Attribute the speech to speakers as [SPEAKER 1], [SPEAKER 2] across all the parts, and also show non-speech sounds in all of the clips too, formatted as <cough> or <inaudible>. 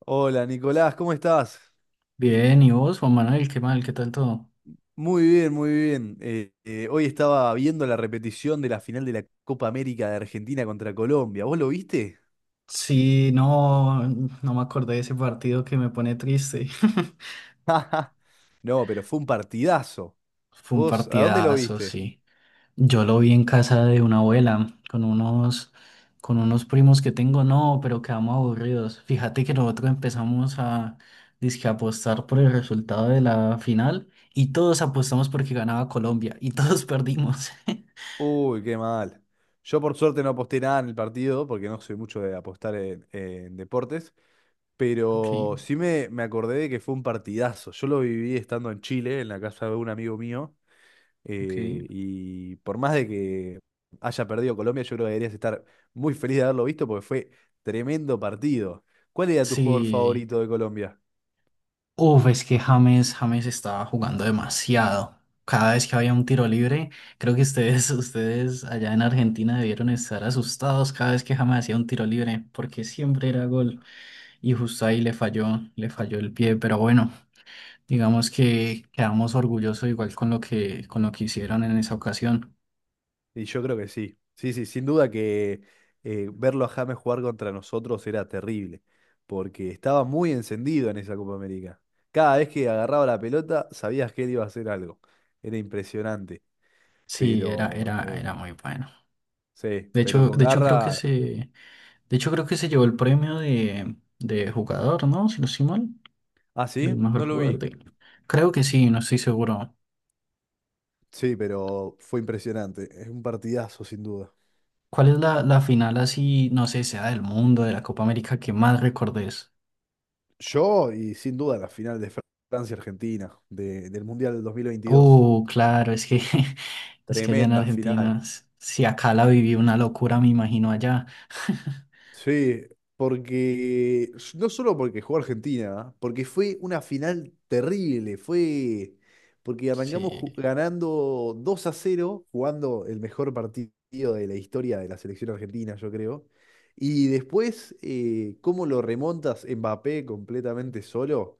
[SPEAKER 1] Hola Nicolás, ¿cómo estás?
[SPEAKER 2] Bien, ¿y vos, Juan Manuel? ¿Qué mal? ¿Qué tal todo?
[SPEAKER 1] Muy bien, muy bien. Hoy estaba viendo la repetición de la final de la Copa América de Argentina contra Colombia. ¿Vos lo viste?
[SPEAKER 2] Sí, no, no me acordé de ese partido que me pone triste. <laughs>
[SPEAKER 1] <laughs> No, pero fue un partidazo.
[SPEAKER 2] Fue un
[SPEAKER 1] ¿Vos a dónde lo
[SPEAKER 2] partidazo,
[SPEAKER 1] viste?
[SPEAKER 2] sí. Yo lo vi en casa de una abuela con unos primos que tengo, no, pero quedamos aburridos. Fíjate que nosotros empezamos a dizque apostar por el resultado de la final y todos apostamos porque ganaba Colombia y todos <laughs> perdimos. <laughs>
[SPEAKER 1] Uy, qué mal. Yo por suerte no aposté nada en el partido porque no soy mucho de apostar en deportes,
[SPEAKER 2] Ok,
[SPEAKER 1] pero sí me acordé de que fue un partidazo. Yo lo viví estando en Chile, en la casa de un amigo mío.
[SPEAKER 2] ok.
[SPEAKER 1] Y por más de que haya perdido Colombia, yo creo que deberías estar muy feliz de haberlo visto porque fue tremendo partido. ¿Cuál era tu jugador
[SPEAKER 2] Sí.
[SPEAKER 1] favorito de Colombia?
[SPEAKER 2] Uf, es que James estaba jugando demasiado. Cada vez que había un tiro libre, creo que ustedes, <laughs> ustedes allá en Argentina debieron estar asustados cada vez que James hacía un tiro libre, porque siempre era gol. Y justo ahí le falló el pie. Pero bueno, digamos que quedamos orgullosos igual con lo que hicieron en esa ocasión.
[SPEAKER 1] Y yo creo que sí. Sí, sí, sin duda que verlo a James jugar contra nosotros era terrible, porque estaba muy encendido en esa Copa América. Cada vez que agarraba la pelota, sabías que él iba a hacer algo. Era impresionante,
[SPEAKER 2] Sí, era,
[SPEAKER 1] pero
[SPEAKER 2] era, era muy bueno.
[SPEAKER 1] sí, pero con
[SPEAKER 2] De hecho creo que
[SPEAKER 1] garra.
[SPEAKER 2] se, de hecho creo que se llevó el premio de jugador, ¿no? Si no estoy mal.
[SPEAKER 1] Ah, sí,
[SPEAKER 2] Del mejor
[SPEAKER 1] no lo vi.
[SPEAKER 2] jugador de... Creo que sí, no estoy seguro.
[SPEAKER 1] Sí, pero fue impresionante. Es un partidazo, sin duda.
[SPEAKER 2] ¿Cuál es la final así, no sé, sea del mundo, de la Copa América que más recordes?
[SPEAKER 1] Yo y sin duda la final de Francia-Argentina del Mundial del 2022.
[SPEAKER 2] Oh, claro, es que <laughs> es que allá en
[SPEAKER 1] Tremenda final.
[SPEAKER 2] Argentina, si acá la viví una locura, me imagino allá. <laughs>
[SPEAKER 1] Sí, porque no solo porque jugó Argentina, porque fue una final terrible. Fue porque arrancamos
[SPEAKER 2] Sí,
[SPEAKER 1] ganando 2-0, jugando el mejor partido de la historia de la selección argentina, yo creo. Y después, cómo lo remontas Mbappé completamente solo.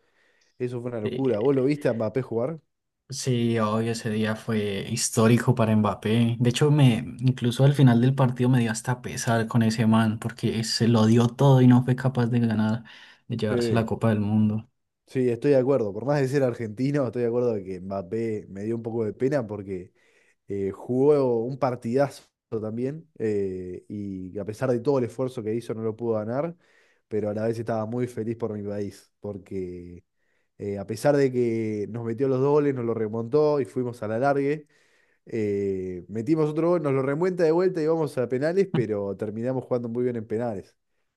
[SPEAKER 1] Eso fue una locura. ¿Vos lo
[SPEAKER 2] eh,
[SPEAKER 1] viste a Mbappé jugar?
[SPEAKER 2] sí, obvio, ese día fue histórico para Mbappé. De hecho, incluso al final del partido me dio hasta pesar con ese man, porque se lo dio todo y no fue capaz de ganar, de llevarse la
[SPEAKER 1] Sí.
[SPEAKER 2] Copa del Mundo.
[SPEAKER 1] Sí, estoy de acuerdo. Por más de ser argentino, estoy de acuerdo de que Mbappé me dio un poco de pena porque jugó un partidazo también, y a pesar de todo el esfuerzo que hizo no lo pudo ganar, pero a la vez estaba muy feliz por mi país porque a pesar de que nos metió los dobles, nos lo remontó y fuimos a la largue. Metimos otro gol, nos lo remuenta de vuelta y vamos a penales, pero terminamos jugando muy bien en penales.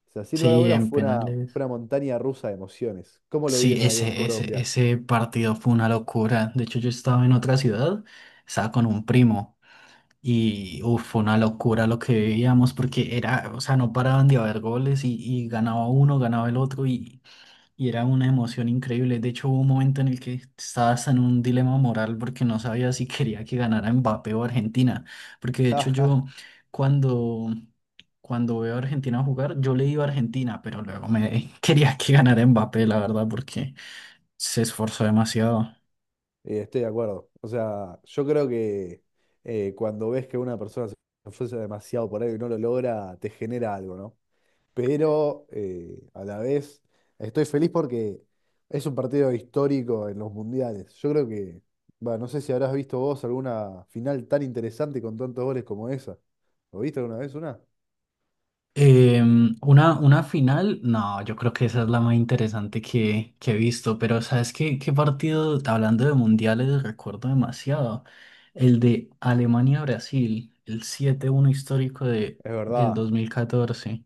[SPEAKER 1] O sea, sin lugar a
[SPEAKER 2] Sí,
[SPEAKER 1] dudas
[SPEAKER 2] en
[SPEAKER 1] fue
[SPEAKER 2] penales.
[SPEAKER 1] una montaña rusa de emociones. ¿Cómo lo
[SPEAKER 2] Sí,
[SPEAKER 1] vieron ahí en
[SPEAKER 2] ese, ese,
[SPEAKER 1] Colombia?
[SPEAKER 2] ese partido fue una locura. De hecho, yo estaba en otra ciudad, estaba con un primo y uf, fue una locura lo que veíamos porque era, o sea, no paraban de haber goles y ganaba uno, ganaba el otro y era una emoción increíble. De hecho, hubo un momento en el que estabas en un dilema moral porque no sabía si quería que ganara Mbappé o Argentina. Porque de hecho
[SPEAKER 1] <laughs>
[SPEAKER 2] yo cuando, cuando veo a Argentina jugar, yo le iba a Argentina, pero luego me <laughs> quería que ganara Mbappé, la verdad, porque se esforzó demasiado.
[SPEAKER 1] Estoy de acuerdo. O sea, yo creo que cuando ves que una persona se esfuerza demasiado por algo y no lo logra, te genera algo, ¿no? Pero a la vez estoy feliz porque es un partido histórico en los mundiales. Yo creo que, va, no sé si habrás visto vos alguna final tan interesante con tantos goles como esa. ¿Lo viste alguna vez una?
[SPEAKER 2] Una final, no, yo creo que esa es la más interesante que he visto, pero ¿sabes qué partido, hablando de mundiales, recuerdo demasiado? El de Alemania-Brasil, el 7-1 histórico de,
[SPEAKER 1] Es
[SPEAKER 2] del
[SPEAKER 1] verdad.
[SPEAKER 2] 2014.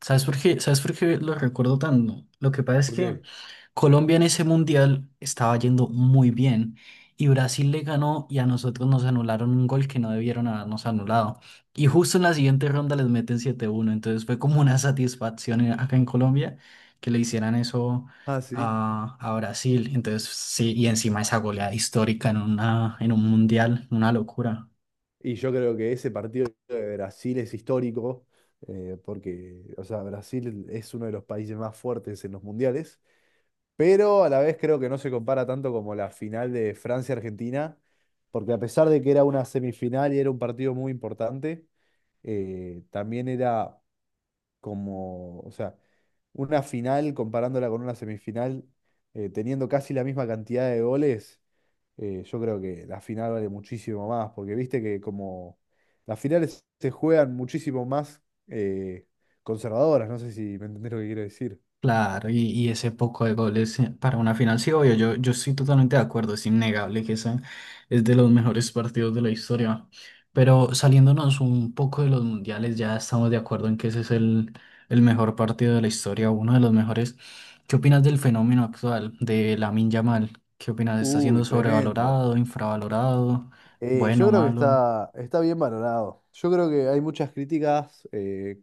[SPEAKER 2] ¿Sabes por qué? ¿Sabes por qué lo recuerdo tanto? Lo que pasa es
[SPEAKER 1] ¿Por
[SPEAKER 2] que
[SPEAKER 1] qué?
[SPEAKER 2] Colombia en ese mundial estaba yendo muy bien y Brasil le ganó y a nosotros nos anularon un gol que no debieron habernos anulado. Y justo en la siguiente ronda les meten 7 uno. Entonces fue como una satisfacción acá en Colombia que le hicieran eso
[SPEAKER 1] Ah, sí.
[SPEAKER 2] a Brasil. Entonces sí, y encima esa goleada histórica en un mundial, una locura.
[SPEAKER 1] Y yo creo que ese partido de Brasil es histórico, porque, o sea, Brasil es uno de los países más fuertes en los mundiales. Pero a la vez creo que no se compara tanto como la final de Francia-Argentina, porque a pesar de que era una semifinal y era un partido muy importante, también era como, o sea, una final comparándola con una semifinal, teniendo casi la misma cantidad de goles, yo creo que la final vale muchísimo más, porque viste que como las finales se juegan muchísimo más eh, conservadoras, no sé si me entendés lo que quiero decir.
[SPEAKER 2] Claro, y ese poco de goles, para una final, sí, obvio, yo estoy totalmente de acuerdo, es innegable que ese es de los mejores partidos de la historia. Pero saliéndonos un poco de los mundiales, ya estamos de acuerdo en que ese es el mejor partido de la historia, uno de los mejores. ¿Qué opinas del fenómeno actual de Lamine Yamal? ¿Qué opinas? ¿Está
[SPEAKER 1] Uy,
[SPEAKER 2] siendo
[SPEAKER 1] tremendo.
[SPEAKER 2] sobrevalorado, infravalorado,
[SPEAKER 1] Yo
[SPEAKER 2] bueno,
[SPEAKER 1] creo que
[SPEAKER 2] malo?
[SPEAKER 1] está, está bien valorado. Yo creo que hay muchas críticas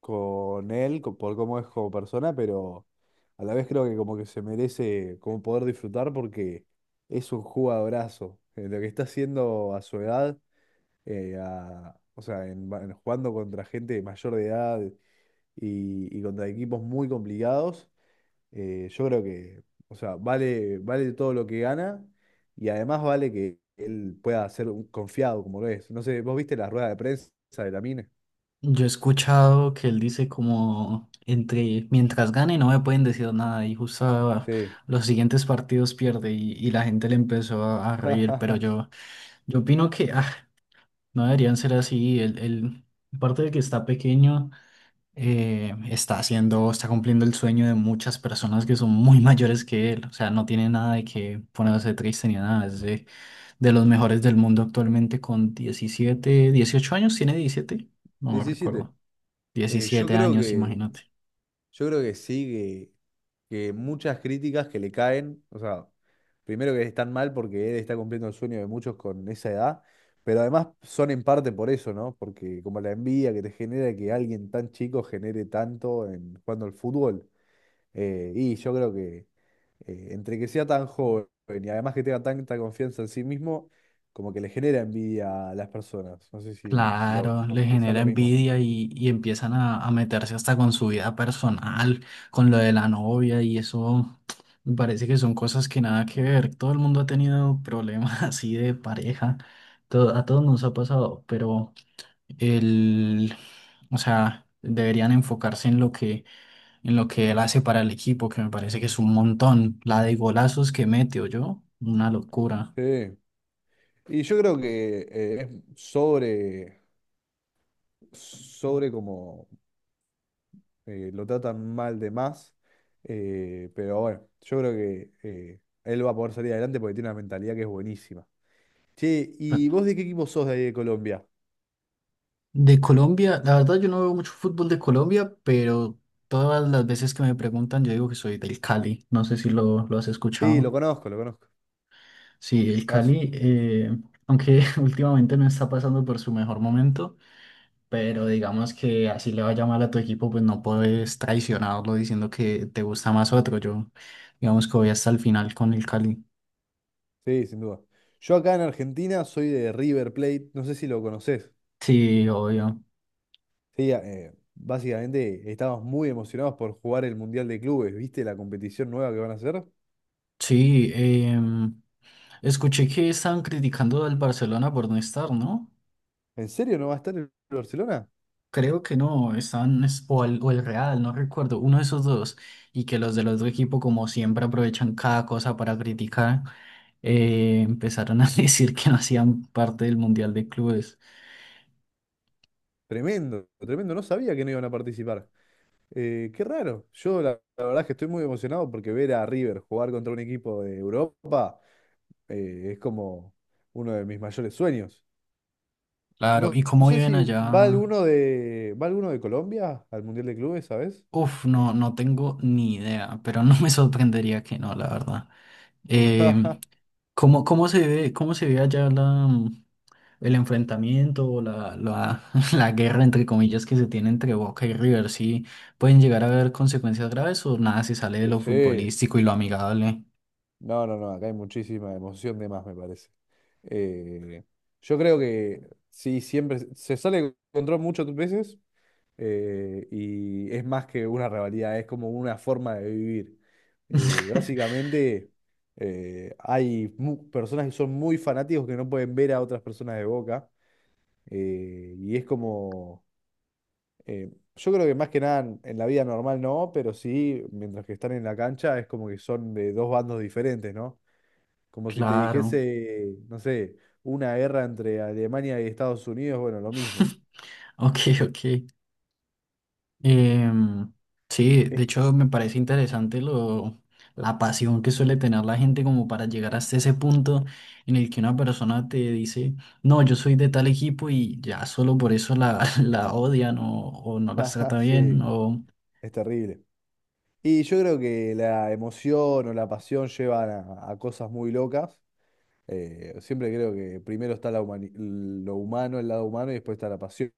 [SPEAKER 1] con él por cómo es como persona, pero a la vez creo que como que se merece como poder disfrutar porque es un jugadorazo. Lo que está haciendo a su edad, o sea, jugando contra gente mayor de edad y contra equipos muy complicados, yo creo que, o sea, vale, vale todo lo que gana y además vale que él pueda ser un confiado como lo es. No sé, ¿vos viste la rueda de prensa de la Lamine?
[SPEAKER 2] Yo he escuchado que él dice como entre mientras gane no me pueden decir nada y justo
[SPEAKER 1] Sí.
[SPEAKER 2] los siguientes partidos pierde y la gente le empezó a reír, pero
[SPEAKER 1] <laughs>
[SPEAKER 2] yo opino que no deberían ser así. El aparte de que está pequeño, está haciendo, está cumpliendo el sueño de muchas personas que son muy <laughs> mayores que él, o sea, no tiene nada de que ponerse triste ni nada, es de los mejores del mundo actualmente con 17 18 años, tiene 17, no
[SPEAKER 1] 17.
[SPEAKER 2] recuerdo,
[SPEAKER 1] Eh, yo
[SPEAKER 2] 17
[SPEAKER 1] creo
[SPEAKER 2] años,
[SPEAKER 1] que,
[SPEAKER 2] imagínate.
[SPEAKER 1] yo creo que sí, que muchas críticas que le caen, o sea, primero que están mal porque él está cumpliendo el sueño de muchos con esa edad, pero además son en parte por eso, ¿no? Porque como la envidia que te genera que alguien tan chico genere tanto en jugando al fútbol. Y yo creo que entre que sea tan joven y además que tenga tanta confianza en sí mismo, como que le genera envidia a las personas. No sé si lo
[SPEAKER 2] Claro, le
[SPEAKER 1] pensás
[SPEAKER 2] genera
[SPEAKER 1] lo mismo.
[SPEAKER 2] envidia y empiezan a meterse hasta con su vida personal, con lo de la novia y eso, <tsk> me parece que son cosas que nada que ver. Todo el mundo ha tenido problemas <laughs> así de pareja, a todos nos ha pasado, pero el, o sea, deberían enfocarse en lo que, él hace para el equipo, que me parece que es un montón. La de golazos que mete, yo, una locura.
[SPEAKER 1] Sí. Y yo creo que es sobre, sobre como lo tratan mal de más. Eh, pero bueno, yo creo que él va a poder salir adelante porque tiene una mentalidad que es buenísima. Che, ¿y vos de qué equipo sos de ahí de Colombia?
[SPEAKER 2] De Colombia, la verdad yo no veo mucho fútbol de Colombia, pero todas las veces que me preguntan yo digo que soy del Cali, no sé si lo has
[SPEAKER 1] Sí, lo
[SPEAKER 2] escuchado.
[SPEAKER 1] conozco, lo conozco.
[SPEAKER 2] Sí, el
[SPEAKER 1] Equipazo.
[SPEAKER 2] Cali, aunque <laughs> últimamente no está pasando por su mejor momento, pero digamos que así le vaya mal a tu equipo, pues no puedes traicionarlo diciendo que te gusta más otro. Yo digamos que voy hasta el final con el Cali.
[SPEAKER 1] Sí, sin duda. Yo acá en Argentina soy de River Plate, no sé si lo conoces.
[SPEAKER 2] Sí, obvio.
[SPEAKER 1] Sí, básicamente estamos muy emocionados por jugar el Mundial de Clubes, ¿viste la competición nueva que van a hacer?
[SPEAKER 2] Sí, escuché que estaban criticando al Barcelona por no estar, ¿no?
[SPEAKER 1] ¿En serio no va a estar el Barcelona?
[SPEAKER 2] Creo que no, están, o el Real, no recuerdo, uno de esos dos, y que los del otro equipo, como siempre, aprovechan cada cosa para criticar, empezaron a <laughs> decir que no hacían parte del Mundial de Clubes.
[SPEAKER 1] Tremendo, tremendo, no sabía que no iban a participar. Qué raro, yo la, la verdad es que estoy muy emocionado porque ver a River jugar contra un equipo de Europa es como uno de mis mayores sueños.
[SPEAKER 2] Claro,
[SPEAKER 1] No,
[SPEAKER 2] ¿y
[SPEAKER 1] no
[SPEAKER 2] cómo
[SPEAKER 1] sé
[SPEAKER 2] viven
[SPEAKER 1] si va
[SPEAKER 2] allá?
[SPEAKER 1] alguno de, ¿va alguno de Colombia al Mundial de Clubes, ¿sabes?
[SPEAKER 2] Uf, no, no tengo ni idea, pero no <laughs> me sorprendería que no, la verdad.
[SPEAKER 1] <laughs>
[SPEAKER 2] Em,
[SPEAKER 1] Ajá.
[SPEAKER 2] ¿cómo se ve allá el enfrentamiento o <laughs> la guerra, entre comillas, que se tiene entre Boca y River? ¿Sí pueden llegar a haber consecuencias graves o nada se sale de lo
[SPEAKER 1] Sí,
[SPEAKER 2] futbolístico y lo amigable?
[SPEAKER 1] no, no, no, acá hay muchísima emoción de más, me parece. Eh, yo creo que sí, siempre se sale de control muchas veces y es más que una rivalidad, es como una forma de vivir.
[SPEAKER 2] <laughs>
[SPEAKER 1] Básicamente, hay personas que son muy fanáticos que no pueden ver a otras personas de Boca, y es como Eh, yo creo que más que nada en la vida normal no, pero sí, mientras que están en la cancha es como que son de dos bandos diferentes, ¿no? Como si te
[SPEAKER 2] Claro.
[SPEAKER 1] dijese, no sé, una guerra entre Alemania y Estados Unidos, bueno, lo mismo.
[SPEAKER 2] <laughs> Ok, ok. Em, sí, de
[SPEAKER 1] Es-
[SPEAKER 2] hecho me parece interesante la pasión que suele tener la gente como para llegar hasta ese punto en el que una persona te dice, no, yo soy de tal equipo y ya solo por eso la, <laughs> la odian o no
[SPEAKER 1] <laughs>
[SPEAKER 2] las
[SPEAKER 1] Ajá,
[SPEAKER 2] trata bien
[SPEAKER 1] sí,
[SPEAKER 2] o
[SPEAKER 1] es terrible. Y yo creo que la emoción o la pasión llevan a cosas muy locas. Siempre creo que primero está la lo humano, el lado humano, y después está la pasión.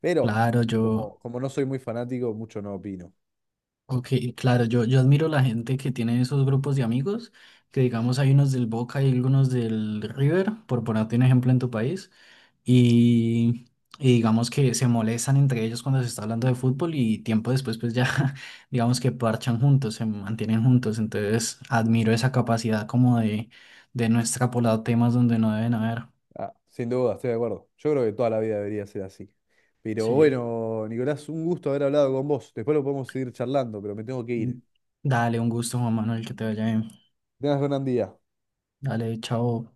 [SPEAKER 1] Pero
[SPEAKER 2] claro, yo...
[SPEAKER 1] como, como no soy muy fanático, mucho no opino.
[SPEAKER 2] Ok, claro, yo admiro la gente que tiene esos grupos de amigos, que digamos hay unos del Boca y algunos del River, por ponerte un ejemplo en tu país, y, y digamos que se molestan entre ellos cuando se está hablando de fútbol y tiempo después pues ya <laughs> digamos que parchan juntos, se mantienen juntos, entonces admiro esa capacidad como de, no extrapolar temas donde no deben haber.
[SPEAKER 1] Ah, sin duda, estoy de acuerdo. Yo creo que toda la vida debería ser así. Pero
[SPEAKER 2] Sí,
[SPEAKER 1] bueno, Nicolás, un gusto haber hablado con vos. Después lo podemos seguir charlando, pero me tengo que ir. Que
[SPEAKER 2] dale, un gusto Juan Manuel, que te vaya bien.
[SPEAKER 1] tengas gran día.
[SPEAKER 2] Dale, chao.